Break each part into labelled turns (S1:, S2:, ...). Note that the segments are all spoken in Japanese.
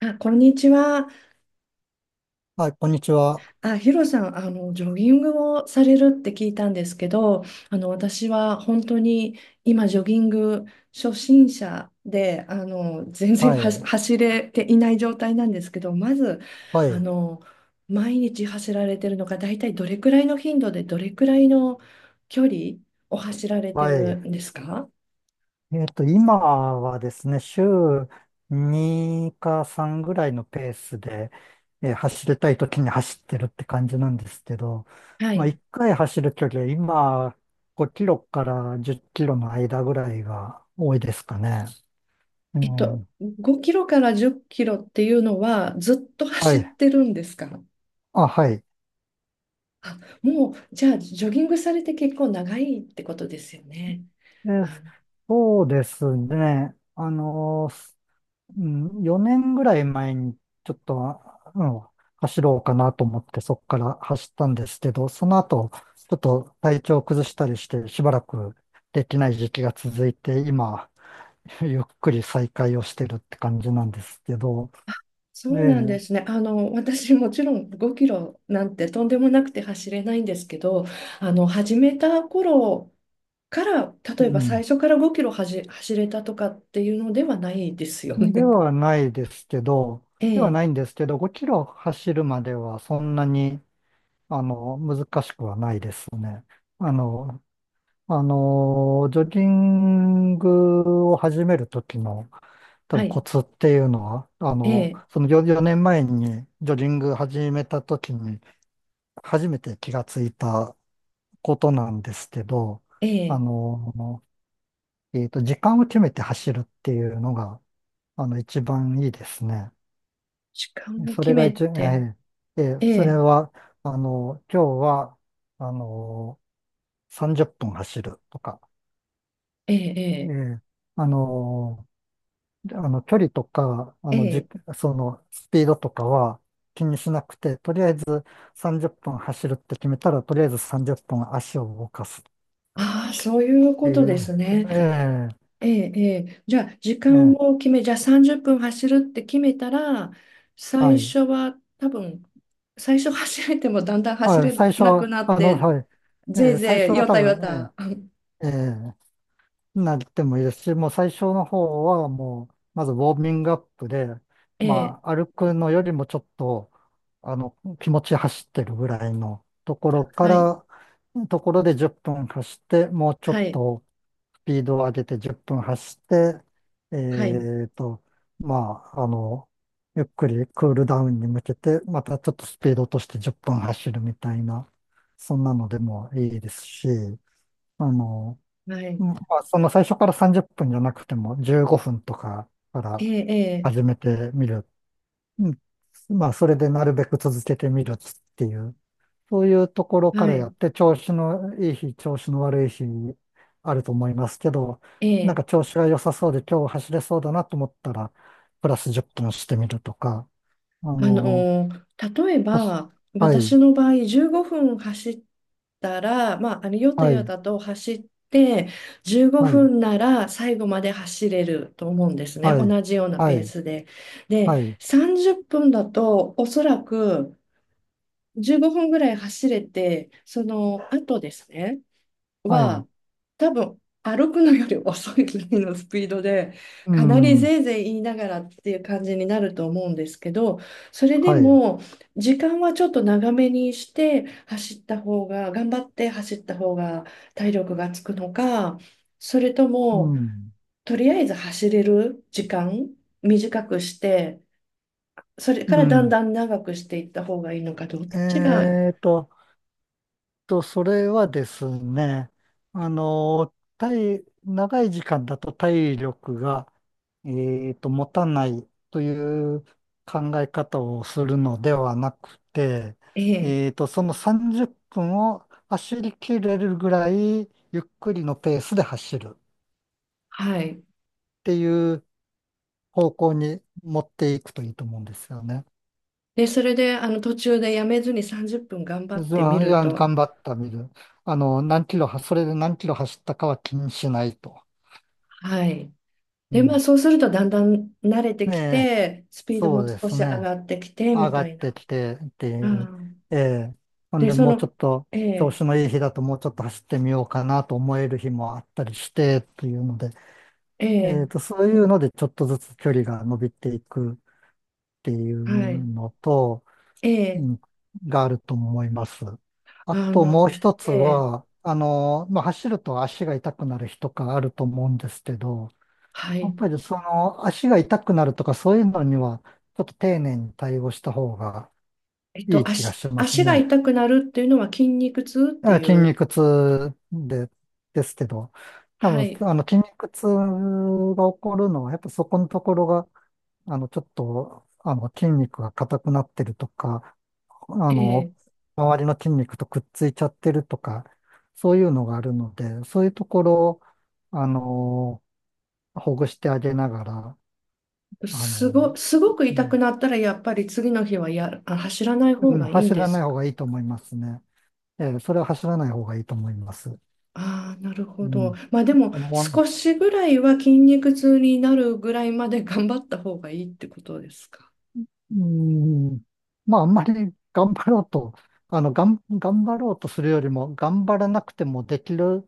S1: あ、こんにちは。
S2: はい、こんにちは。
S1: あ、ヒロさん、ジョギングをされるって聞いたんですけど、私は本当に今、ジョギング初心者で、全然
S2: はい、
S1: 走れていない状態なんですけど、まず、
S2: は
S1: あ
S2: い、
S1: の、毎日走られてるのが、大体どれくらいの頻度で、どれくらいの距離を走られて
S2: は
S1: る
S2: い。
S1: んですか？
S2: 今はですね、週2か3ぐらいのペースで、走りたい時に走ってるって感じなんですけど、
S1: は
S2: まあ、
S1: い。
S2: 1回走る距離は今、5キロから10キロの間ぐらいが多いですかね。うん。
S1: 5キロから10キロっていうのは、ずっと
S2: は
S1: 走っ
S2: い。
S1: てるんですか？
S2: あ、はい。
S1: あ、もう、じゃあ、ジョギングされて結構長いってことですよね。
S2: で
S1: あ、
S2: そうですね。うん、4年ぐらい前にちょっと、うん、走ろうかなと思ってそこから走ったんですけど、その後、ちょっと体調を崩したりしてしばらくできない時期が続いて、今、ゆっくり再開をしてるって感じなんですけど、
S1: そ
S2: え
S1: うなんで
S2: え、
S1: すね。私もちろん5キロなんてとんでもなくて走れないんですけど、始めた頃から、
S2: う
S1: 例えば
S2: ん。
S1: 最初から5キロ走れたとかっていうのではないですよ
S2: で
S1: ね。
S2: は ないですけど、
S1: え
S2: では
S1: え、
S2: ないんですけど、5キロ走るまではそんなに、難しくはないですね。あの、ジョギングを始めるときの多
S1: は
S2: 分
S1: い、
S2: コツっていうのは、
S1: ええ、
S2: その4年前にジョギング始めたときに初めて気がついたことなんですけど、
S1: え
S2: あ
S1: え、
S2: の時間を決めて走るっていうのが、一番いいですね。
S1: 時間を
S2: そ
S1: 決
S2: れが
S1: め
S2: 一、え
S1: て、
S2: ーえー
S1: え
S2: それ
S1: え、
S2: は、今日は、あの30分走るとか、
S1: え
S2: え
S1: え、
S2: ーあの距離とか、あ
S1: ええ、
S2: の、
S1: え
S2: じ、
S1: え、
S2: その、スピードとかは気にしなくて、とりあえず30分走るって決めたら、とりあえず30分足を動かすっ
S1: ああ、そういう
S2: て
S1: こと
S2: い
S1: です
S2: う。
S1: ね。
S2: ええ
S1: ええ、ええ、
S2: ええ、
S1: じゃあ30分走るって決めたら、
S2: は
S1: 最
S2: い。
S1: 初は多分、最初走れてもだんだん走
S2: あ、
S1: れ
S2: 最初
S1: なく
S2: は、
S1: なって、
S2: はい。え
S1: ぜい
S2: え、最
S1: ぜ
S2: 初
S1: い、
S2: は
S1: よ
S2: 多
S1: たよ
S2: 分、
S1: た。
S2: ええええ、なってもいいですし、もう最初の方はもう、まずウォーミングアップで、
S1: ええ、
S2: まあ、歩くのよりもちょっと、気持ち走ってるぐらいのところか
S1: はい、
S2: ら、ところで10分走って、もうちょっ
S1: はい、
S2: とスピードを上げて10分走って、
S1: はい、
S2: えっと、まあ、ゆっくりクールダウンに向けて、またちょっとスピード落として10分走るみたいな、そんなのでもいいですし、あの、
S1: はい、
S2: まあ、最初から30分じゅっぷんじゃなくても15分とかか
S1: え
S2: ら
S1: え、え
S2: 始めてみる。うん、まあ、それでなるべく続けてみるっていう、そういうところ
S1: え、
S2: か
S1: は
S2: らや
S1: い、
S2: って、調子のいい日、調子の悪い日あると思いますけど、
S1: え
S2: なん
S1: え。
S2: か調子が良さそうで今日走れそうだなと思ったら、プラス10分してみるとか、あ
S1: あ
S2: の、
S1: のー例え
S2: はし
S1: ば
S2: は
S1: 私
S2: い、
S1: の場合15分走ったら、まあ、ヨタ
S2: は
S1: ヨ
S2: い、
S1: タと走って15
S2: はい、
S1: 分なら最後まで走れると思うんですね、
S2: はい、
S1: 同じような
S2: は
S1: ペー
S2: い、
S1: スで。で、
S2: はい、
S1: 30分だとおそらく15分ぐらい走れて、その後ですね
S2: はい、
S1: は、多分歩くのより遅いぐらいのスピードで、
S2: う
S1: かなり
S2: ん、
S1: ぜいぜい言いながらっていう感じになると思うんですけど、それで
S2: はい、
S1: も、時間はちょっと長めにして走った方が、頑張って走った方が体力がつくのか、それと
S2: う
S1: も、
S2: ん。
S1: とりあえず走れる時間短くして、それ
S2: う
S1: からだん
S2: ん。
S1: だん長くしていった方がいいのか、どっちが、
S2: えーと、それはですね、あの、長い時間だと体力が、え持たないという考え方をするのではなくて、
S1: ええ、
S2: その30分を走り切れるぐらいゆっくりのペースで走るっ
S1: はい。
S2: ていう方向に持っていくといいと思うんですよね。
S1: で、それで、途中でやめずに30分頑張っ
S2: じ
S1: てみ
S2: ゃあ、い
S1: る
S2: や、
S1: と、
S2: 頑張ったみる。あの、何キロは、それで何キロ走ったかは気にしないと。
S1: はい。
S2: う
S1: で、まあ、
S2: ん。
S1: そうするとだんだん慣れて
S2: え
S1: き
S2: え、
S1: て、スピード
S2: そ
S1: も
S2: うで
S1: 少
S2: す
S1: し上
S2: ね。
S1: がってきて、
S2: 上
S1: み
S2: が
S1: た
S2: っ
S1: い
S2: て
S1: な。
S2: きてってい
S1: う
S2: う。
S1: ん、
S2: ええ。ほん
S1: で、
S2: で、
S1: そ
S2: もうちょ
S1: の、
S2: っと、
S1: え
S2: 調
S1: え、
S2: 子のいい日だともうちょっと走ってみようかなと思える日もあったりして、というので、
S1: ええ、
S2: そういうのでちょっとずつ距離が伸びていくっていう
S1: はい、
S2: のと、う
S1: ええ、
S2: ん、があると思います。あと
S1: あ
S2: もう一
S1: の、
S2: つ
S1: ええ、
S2: は、まあ、走ると足が痛くなる日とかあると思うんですけど、
S1: は
S2: やっ
S1: い。
S2: ぱりその足が痛くなるとかそういうのにはちょっと丁寧に対応した方がいい気がします
S1: 足が
S2: ね。
S1: 痛くなるっていうのは筋肉痛って
S2: あ、
S1: い
S2: 筋
S1: う、
S2: 肉痛ですけど、多
S1: は
S2: 分
S1: い、
S2: 筋肉痛が起こるのはやっぱそこのところがちょっと筋肉が硬くなってるとか、あの
S1: ええ、
S2: 周りの筋肉とくっついちゃってるとか、そういうのがあるので、そういうところをあのほぐしてあげながら、あの
S1: すごく
S2: う
S1: 痛く
S2: ん、
S1: なったら、やっぱり次の日は走らない方
S2: うん、
S1: がいいん
S2: 走
S1: で
S2: らない
S1: す？
S2: 方がいいと思いますね。ええ、それは走らない方がいいと思います。
S1: ああ、なる
S2: う
S1: ほど。
S2: ん。
S1: まあでも、
S2: もう、
S1: 少しぐらいは筋肉痛になるぐらいまで頑張った方がいいってことですか。
S2: うん、まあ、あんまり頑張ろうと、頑張ろうとするよりも、頑張らなくてもできる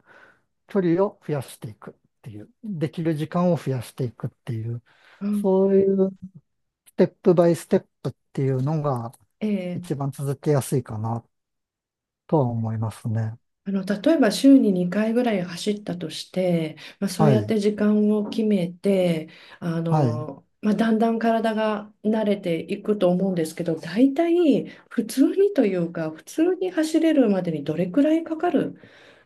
S2: 距離を増やしていくっていう、できる時間を増やしていくっていう、
S1: う
S2: そう
S1: ん、
S2: いうステップバイステップっていうのが
S1: ええ、
S2: 一番続けやすいかなとは思いますね。
S1: 例えば週に2回ぐらい走ったとして、まあ、そう
S2: は
S1: やっ
S2: い。
S1: て時間を決めて、
S2: はい。
S1: まあ、だんだん体が慣れていくと思うんですけど、大体普通にというか、普通に走れるまでにどれくらいかかる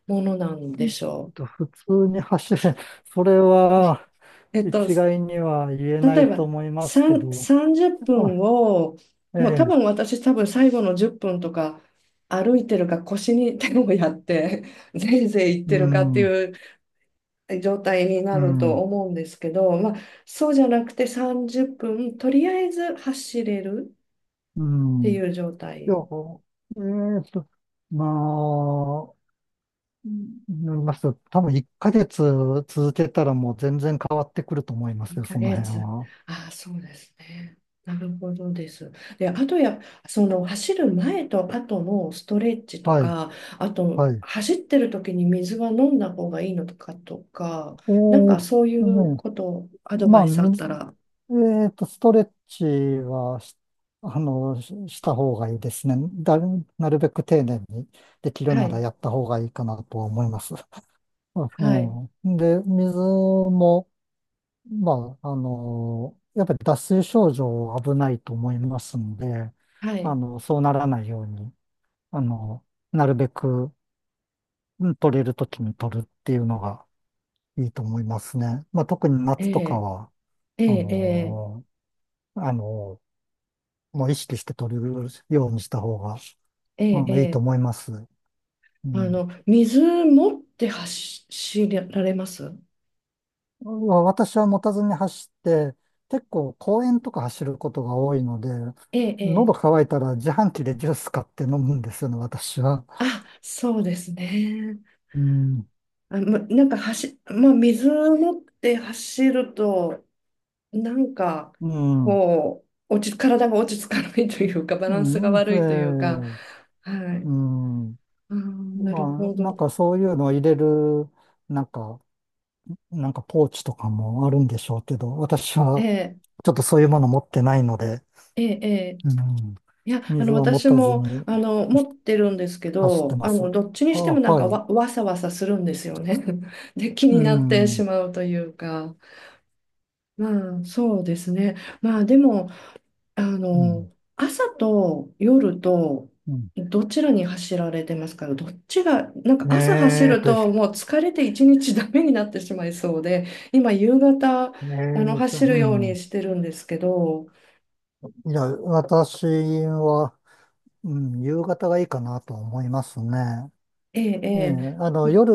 S1: ものなんでしょ
S2: う普通に走る、それは、
S1: う。
S2: 一概には言えな
S1: 例え
S2: い
S1: ば、
S2: と思いますけど、
S1: 30
S2: あ、
S1: 分を、
S2: え
S1: もう多
S2: え、
S1: 分私多分最後の10分とか歩いてるか腰に手をやって、ぜいぜい行っ
S2: う
S1: てるかって
S2: ん、
S1: いう状態にな
S2: う
S1: ると
S2: ん、
S1: 思うんですけど、まあ、そうじゃなくて30分、とりあえず走れる
S2: う
S1: って
S2: ん。
S1: い
S2: い
S1: う状
S2: や、
S1: 態。
S2: ーと、まあ、うんなりますと、多分1ヶ月続けたらもう全然変わってくると思いますよ、
S1: ヶ
S2: その辺
S1: 月。
S2: は。
S1: ああ、そうですね。なるほどです。で、あとその走る前と後のストレッチと
S2: はい、
S1: か、あと
S2: はい。
S1: 走ってる時に水は飲んだ方がいいのとかとか、
S2: え
S1: なんか
S2: ー
S1: そうい
S2: と
S1: う
S2: ね、
S1: こと、アド
S2: ま
S1: バ
S2: あ、
S1: イスあっ
S2: み
S1: た
S2: ず、
S1: ら、
S2: えーと、ストレッチはし、あの、しした方がいいですね。なるべく丁寧にできる
S1: は
S2: なら
S1: い、
S2: やった方がいいかなとは思います。あ、
S1: はい、
S2: ええ、で、水も、まあ、やっぱり脱水症状は危ないと思いますんで、
S1: はい、
S2: そうならないように、あの、なるべくうん取れるときに取るっていうのがいいと思いますね。まあ、特に
S1: え
S2: 夏とか
S1: え、
S2: は、
S1: え
S2: あ
S1: え、ええ、
S2: の、あの、もう意識して取るようにした方が、
S1: ええ、
S2: いいと
S1: え
S2: 思
S1: え、
S2: います。うん
S1: 水持って走られます？
S2: わ私は持たずに走って、結構公園とか走ることが多いので、
S1: ええ、え
S2: 喉
S1: え、
S2: 乾いたら自販機でジュース買って飲むんですよね、私は。
S1: あ、そうですね。
S2: うん、
S1: あ、ま、なんかまあ、水を持って走ると、なんか、
S2: うん、
S1: こう、体が落ち着かないというか、バ
S2: う
S1: ランスが
S2: ん、で、
S1: 悪いというか、は
S2: う
S1: い。
S2: ん、
S1: あー、なる
S2: ま
S1: ほ
S2: あ、なん
S1: ど。
S2: かそういうのを入れる、なんか、なんかポーチとかもあるんでしょうけど、私
S1: え
S2: は
S1: え、
S2: ちょっとそういうもの持ってないので、
S1: ええ、ええ。
S2: うん、
S1: いや、
S2: 水は持
S1: 私
S2: たず
S1: も、
S2: に
S1: 持ってるんですけ
S2: 走って
S1: ど、
S2: ます。は
S1: どっちにしてもな
S2: あ、
S1: ん
S2: は
S1: か
S2: い。
S1: わさわさするんですよね。で、気
S2: う
S1: になって
S2: ん、う
S1: し
S2: ん、
S1: まうというか、まあ、そうですね。まあ、でも、朝と夜と
S2: うん、
S1: どちらに走られてますか？どっちが、なんか朝走
S2: えーっ
S1: る
S2: と、え
S1: ともう疲れて一日ダメになってしまいそうで、今夕方、
S2: う
S1: 走るように
S2: ん。
S1: してるんですけど、
S2: いや、私は、うん、夕方がいいかなと思いますね。
S1: ええ、
S2: ええ、
S1: ええ、
S2: 夜、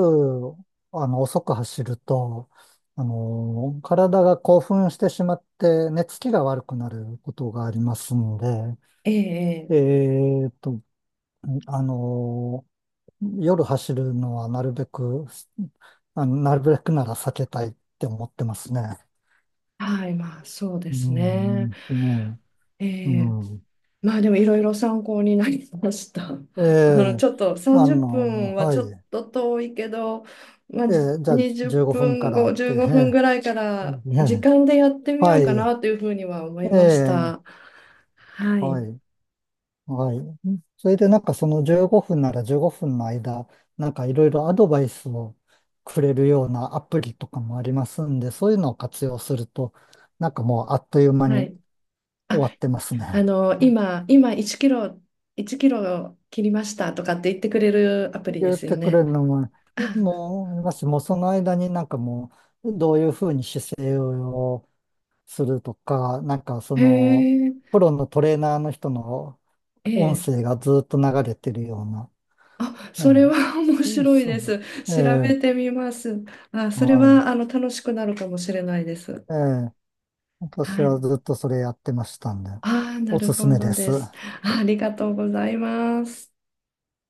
S2: 遅く走ると、体が興奮してしまって、寝つきが悪くなることがありますんで、
S1: ええ、ええ、
S2: えーっと、あの、夜走るのはなるべく、なるべくなら避けたいって思ってますね。
S1: はい、まあそうで
S2: う
S1: すね。
S2: ん、ですね。
S1: え
S2: う
S1: え、
S2: ん。
S1: まあでもいろいろ参考になりました。
S2: ええ、
S1: ちょっと30分は
S2: は
S1: ちょっ
S2: い。
S1: と遠いけど、まあ、
S2: ええ、じゃあ、
S1: 20
S2: 15
S1: 分
S2: 分から
S1: 後、
S2: って、
S1: 15分
S2: え
S1: ぐらいか
S2: え、
S1: ら時
S2: ね、
S1: 間でやってみ
S2: は
S1: ようか
S2: い。
S1: なというふうには思い
S2: え
S1: ました。
S2: え、
S1: はい。
S2: はい。はい。それで、なんかその15分なら15分の間、なんかいろいろアドバイスをくれるようなアプリとかもありますんで、そういうのを活用すると、なんかもうあっという間
S1: は
S2: に
S1: い。
S2: 終
S1: あ、
S2: わってますね。
S1: 今1キロ、1キロ切りましたとかって言ってくれるアプリで
S2: 言っ
S1: すよ
S2: てくれ
S1: ね。
S2: るのも、
S1: あ、
S2: もう、もしもうその間になんかもう、どういうふうに姿勢をするとか、なんかそ
S1: へ
S2: の、
S1: え、
S2: プロのトレーナーの人の
S1: え
S2: 音
S1: え。
S2: 声がずっと流れてるような。
S1: あ、それ
S2: ええ、
S1: は 面
S2: そう
S1: 白い
S2: そう。
S1: です。
S2: え
S1: 調べ
S2: え、
S1: てみます。あ、それ
S2: はい。
S1: は楽しくなるかもしれないです。
S2: ええ、私
S1: は
S2: は
S1: い。
S2: ずっとそれやってましたんで、
S1: ああ、な
S2: おす
S1: る
S2: す
S1: ほ
S2: め
S1: ど
S2: です。
S1: です。ありがとうございます。